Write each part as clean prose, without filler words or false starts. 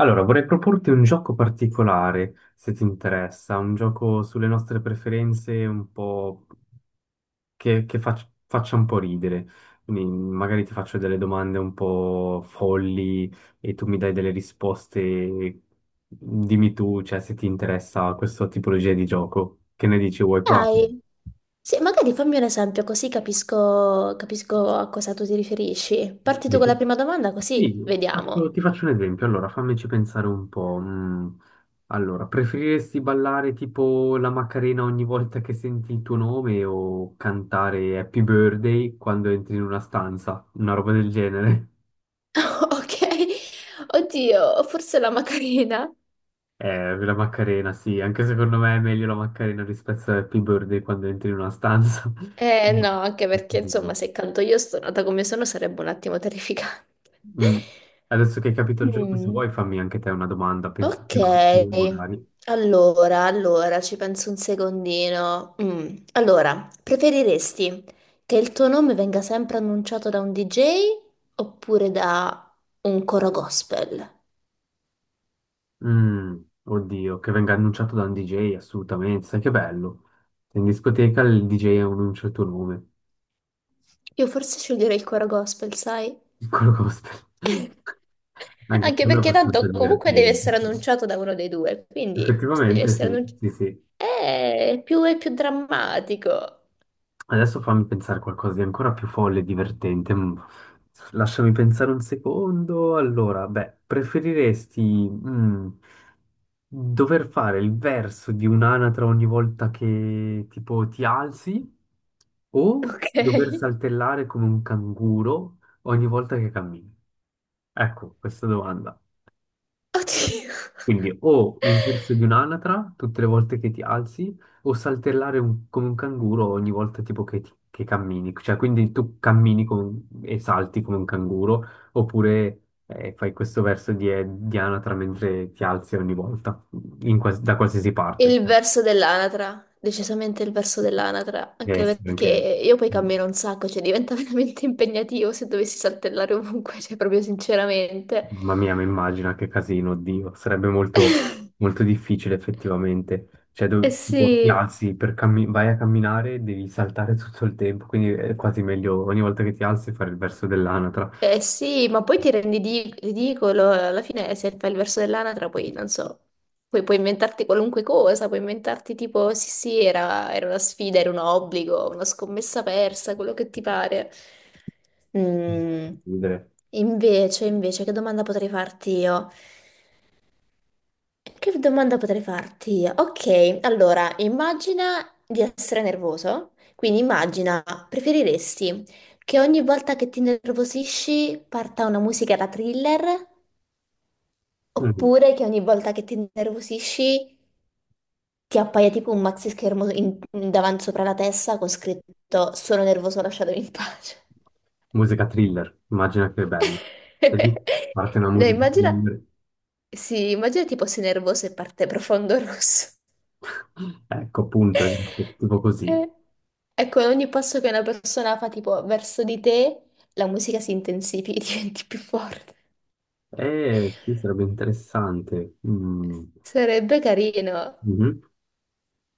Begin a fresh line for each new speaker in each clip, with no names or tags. Allora, vorrei proporti un gioco particolare, se ti interessa, un gioco sulle nostre preferenze, un po' faccia un po' ridere. Quindi magari ti faccio delle domande un po' folli e tu mi dai delle risposte. Dimmi tu, cioè, se ti interessa questa tipologia di gioco. Che ne dici? Vuoi provare?
Dai, sì, magari fammi un esempio così capisco, capisco a cosa tu ti riferisci. Parti tu con la prima domanda
Sì,
così vediamo.
ti faccio un esempio. Allora, fammici pensare un po'. Allora, preferiresti ballare tipo la Macarena ogni volta che senti il tuo nome o cantare Happy Birthday quando entri in una stanza? Una roba del genere.
Ok, oddio, forse la Macarena.
La Macarena, sì, anche secondo me è meglio la Macarena rispetto a Happy Birthday quando entri in una stanza.
Eh no, anche perché
Mm.
insomma se canto io stonata come sono sarebbe un attimo terrificante.
Mm. Adesso che hai capito il gioco, se
Mm.
vuoi fammi anche te una domanda,
Ok,
pensaci un attimo, magari.
allora, ci penso un secondino. Allora, preferiresti che il tuo nome venga sempre annunciato da un DJ oppure da un coro gospel?
Mm, oddio, che venga annunciato da un DJ, assolutamente, sai che bello. In discoteca il DJ annuncia il tuo nome,
Io forse sceglierei il coro gospel, sai?
piccolo gospel. Anche
Anche
quello è
perché
abbastanza
tanto comunque deve essere
divertente.
annunciato da uno dei due, quindi se deve
Effettivamente sì,
essere annunciato...
sì, sì.
Più è più drammatico.
Adesso fammi pensare qualcosa di ancora più folle e divertente. Mm. Lasciami pensare un secondo. Allora, beh, preferiresti mm, dover fare il verso di un'anatra ogni volta che tipo ti alzi o
Ok.
dover saltellare come un canguro ogni volta che cammini? Ecco, questa domanda.
Oddio.
Quindi o il verso di un'anatra tutte le volte che ti alzi, o saltellare come un canguro ogni volta tipo che, che cammini. Cioè, quindi tu cammini come e salti come un canguro, oppure fai questo verso di anatra mentre ti alzi ogni volta, in da qualsiasi parte.
Il
Cioè,
verso dell'anatra, decisamente il verso dell'anatra,
deve
anche
essere
perché
anche-
io poi
mm.
cammino un sacco, cioè diventa veramente impegnativo se dovessi saltellare ovunque, cioè proprio sinceramente.
Mamma mia, mi immagino che casino, oddio, sarebbe molto, molto difficile effettivamente. Cioè,
Eh
tipo, ti
sì,
alzi per vai a camminare, devi saltare tutto il tempo, quindi è quasi meglio ogni volta che ti alzi fare il verso dell'anatra.
eh sì, ma poi ti rendi di- ridicolo, alla fine se fai il verso dell'anatra poi non so, poi puoi inventarti qualunque cosa, puoi inventarti tipo sì sì era, era una sfida, era un obbligo, una scommessa persa, quello che ti pare. Mm,
Ridere.
Che domanda potrei farti io? Che domanda potrei farti io? Ok, allora, immagina di essere nervoso, quindi immagina, preferiresti che ogni volta che ti nervosisci parta una musica da thriller,
Mm.
oppure che ogni volta che ti nervosisci ti appaia tipo un maxi schermo davanti sopra la testa con scritto sono nervoso, lasciatemi in pace.
Musica thriller, immagina che bello. E lì parte una
No,
musica
immagina,
thriller.
sì, immagina tipo sei nervoso e parte profondo rosso.
Ecco, appunto, esatto, tipo così.
Eh, Ecco, ogni passo che una persona fa tipo verso di te, la musica si intensifica e diventi più forte.
Sì, sarebbe interessante. Mm.
Sarebbe carino.
Mhm.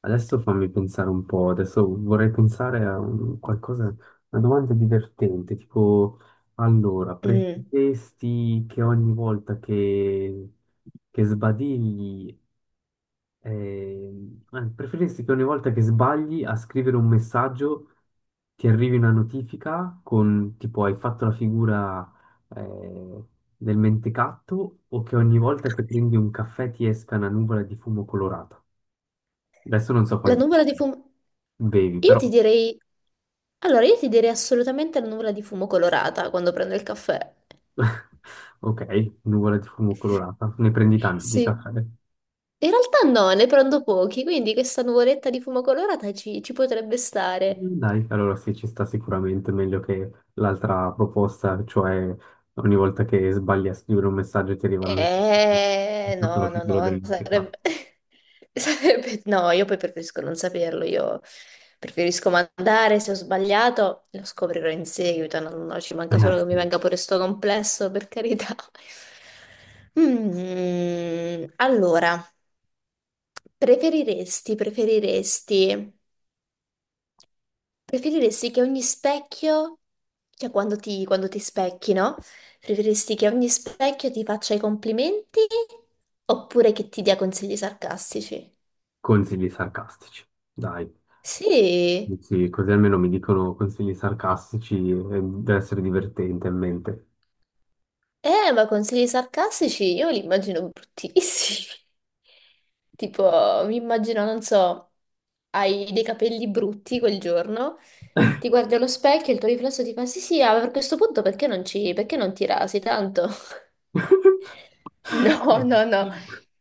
Adesso fammi pensare un po', adesso vorrei pensare a qualcosa, una domanda divertente, tipo, allora,
Mm.
preferiresti che ogni volta che sbadigli, eh, preferiresti che ogni volta che sbagli a scrivere un messaggio ti arrivi una notifica con, tipo, hai fatto la figura, eh, del mentecatto o che ogni volta che prendi un caffè ti esca una nuvola di fumo colorata? Adesso non so
La
quanti...
nuvola di fumo...
Bevi
Io
però.
ti direi... Allora, io ti direi assolutamente la nuvola di fumo colorata quando prendo il caffè.
Ok, nuvola di fumo colorata. Ne prendi tanti di
Sì.
caffè.
In realtà no, ne prendo pochi, quindi questa nuvoletta di fumo colorata ci potrebbe stare.
Mm, dai, allora sì, ci sta sicuramente meglio che l'altra proposta, cioè ogni volta che sbagli a scrivere un messaggio ti arrivano tutta la figura
No, sarebbe...
dell'interno.
sarebbe- No, io poi preferisco non saperlo, io preferisco mandare, se ho sbagliato lo scoprirò in seguito, no, ci manca
Eh
solo che mi
sì,
venga pure sto complesso, per carità. Mm, allora, preferiresti... Preferiresti che ogni specchio, cioè quando ti specchi, no? Preferiresti che ogni specchio ti faccia i complimenti oppure che ti dia consigli sarcastici?
consigli sarcastici. Dai,
Sì,
sì, così almeno mi dicono consigli sarcastici e deve essere divertente in mente.
eh, ma consigli sarcastici io li immagino bruttissimi. Tipo, mi immagino, non so, hai dei capelli brutti quel giorno, ti guardi allo specchio e il tuo riflesso ti fa sì sì, ah, per questo punto perché non ci, perché non ti rasi tanto? No, no, no,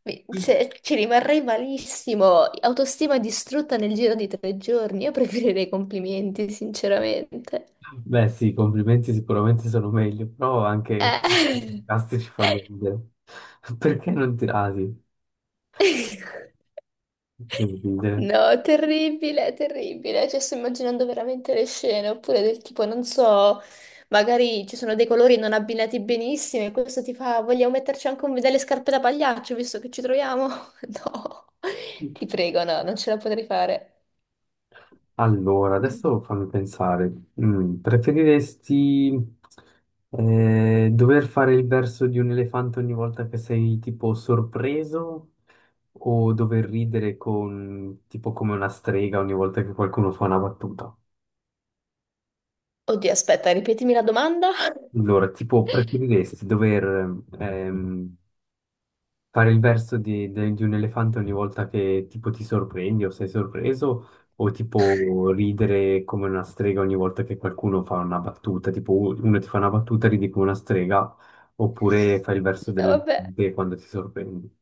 Dai.
Cioè, ci rimarrei malissimo, autostima distrutta nel giro di tre giorni, io preferirei complimenti, sinceramente.
Beh, sì, i complimenti sicuramente sono meglio, però anche
Eh.
i casti ci fanno ridere. Perché non tirati? Che ridere.
No, terribile, terribile. Cioè, sto immaginando veramente le scene, oppure del tipo, non so, magari ci sono dei colori non abbinati benissimo e questo ti fa, vogliamo metterci anche delle scarpe da pagliaccio, visto che ci troviamo? No, ti prego, no, non ce la potrei fare.
Allora, adesso fammi pensare. Mm, preferiresti dover fare il verso di un elefante ogni volta che sei tipo sorpreso o dover ridere con, tipo come una strega ogni volta che qualcuno fa una battuta?
Oddio, aspetta, ripetimi la domanda.
Allora, tipo, preferiresti dover fare il verso di un elefante ogni volta che tipo ti sorprendi o sei sorpreso, o tipo ridere come una strega ogni volta che qualcuno fa una battuta, tipo uno ti fa una battuta e ridi come una strega, oppure fai il verso
No, vabbè.
dell'elefante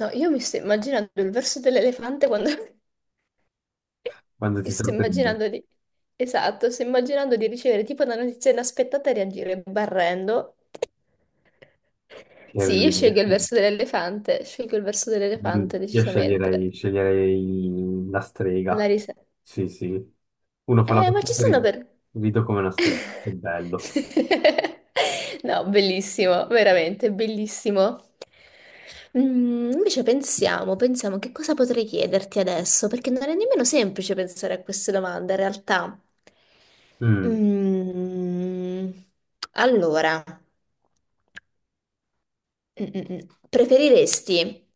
No, io mi sto immaginando il verso dell'elefante quando...
quando
Mi
ti
sto
sorprendi,
immaginando di... Esatto, sto immaginando di ricevere tipo una notizia inaspettata e reagire barrendo.
che è
Sì, io scelgo
ridere.
il verso dell'elefante, scelgo il verso
Mm,
dell'elefante
io
decisamente.
sceglierei la
La
strega,
risa.
sì sì, uno fa la
Ma ci
battuta e
sono per...
rido come una strega, che bello.
No, bellissimo, veramente bellissimo. Mm, invece pensiamo, pensiamo che cosa potrei chiederti adesso, perché non è nemmeno semplice pensare a queste domande in realtà.
Mm.
Mm, allora, mm, mm, mm. preferiresti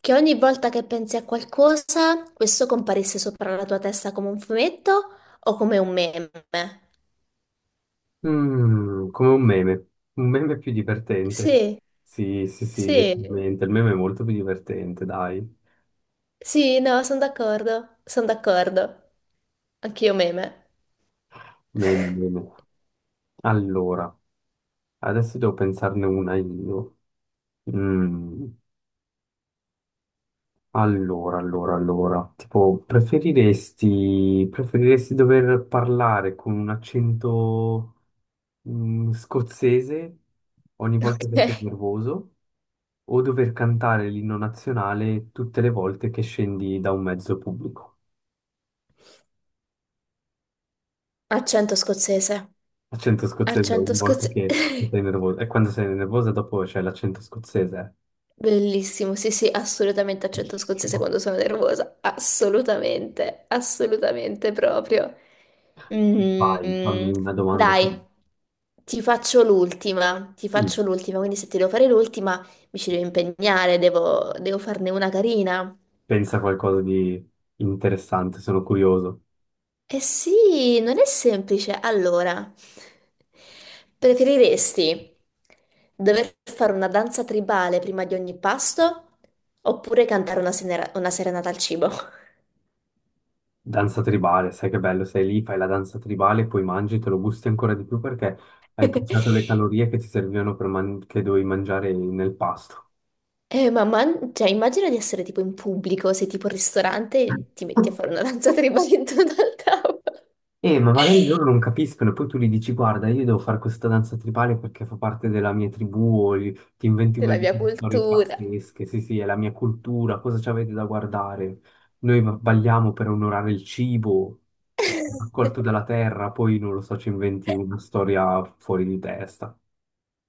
che ogni volta che pensi a qualcosa, questo comparisse sopra la tua testa come un fumetto o come un meme?
Mm, come un meme più divertente.
Sì,
Sì, sì, sì,
sì,
decisamente. Il meme è molto più divertente, dai.
sì, no, sono d'accordo, sono d'accordo. Anch'io meme.
Meme, meme. Allora, adesso devo pensarne una io. Mm, allora. Tipo, preferiresti dover parlare con un accento, scozzese ogni volta che sei
Ok.
nervoso o dover cantare l'inno nazionale tutte le volte che scendi da un mezzo pubblico?
Accento scozzese.
L'accento scozzese
Accento
ogni volta
scozzese.
che sei nervoso. E quando sei nervosa dopo c'è l'accento scozzese.
Bellissimo, sì, sì, assolutamente accento scozzese
Bellissimo.
quando sono nervosa. Assolutamente, assolutamente proprio.
Vai, fammi
Mm,
una domanda tu.
dai, ti
Sì,
faccio l'ultima, quindi se ti devo fare l'ultima mi ci devo impegnare, devo farne una carina.
pensa a qualcosa di interessante, sono curioso.
Eh sì, non è semplice. Allora, preferiresti dover fare una danza tribale prima di ogni pasto oppure cantare una, una serenata al cibo?
Danza tribale, sai che bello, sei lì, fai la danza tribale, poi mangi, te lo gusti ancora di più perché hai bruciato le calorie che ti servivano per che dovevi mangiare nel pasto.
Ma cioè, immagina di essere tipo in pubblico, sei tipo al ristorante e ti metti a fare una danza tribale intorno al tavolo
Ma magari loro non capiscono, poi tu gli dici, guarda, io devo fare questa danza tribale perché fa parte della mia tribù, o ti inventi una
della
di
mia
quelle storie
cultura.
pazzesche, sì, sì, è la mia cultura, cosa ci avete da guardare? Noi balliamo per onorare il cibo, che è raccolto dalla terra, poi non lo so, ci inventi una storia fuori di testa.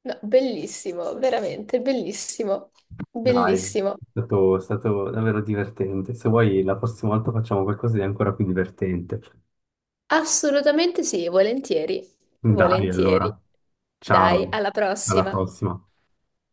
No, bellissimo, veramente bellissimo,
Dai,
bellissimo.
è stato davvero divertente. Se vuoi, la prossima volta facciamo qualcosa di ancora più divertente.
Assolutamente sì, volentieri,
Dai,
volentieri.
allora,
Dai,
ciao,
alla
alla
prossima.
prossima.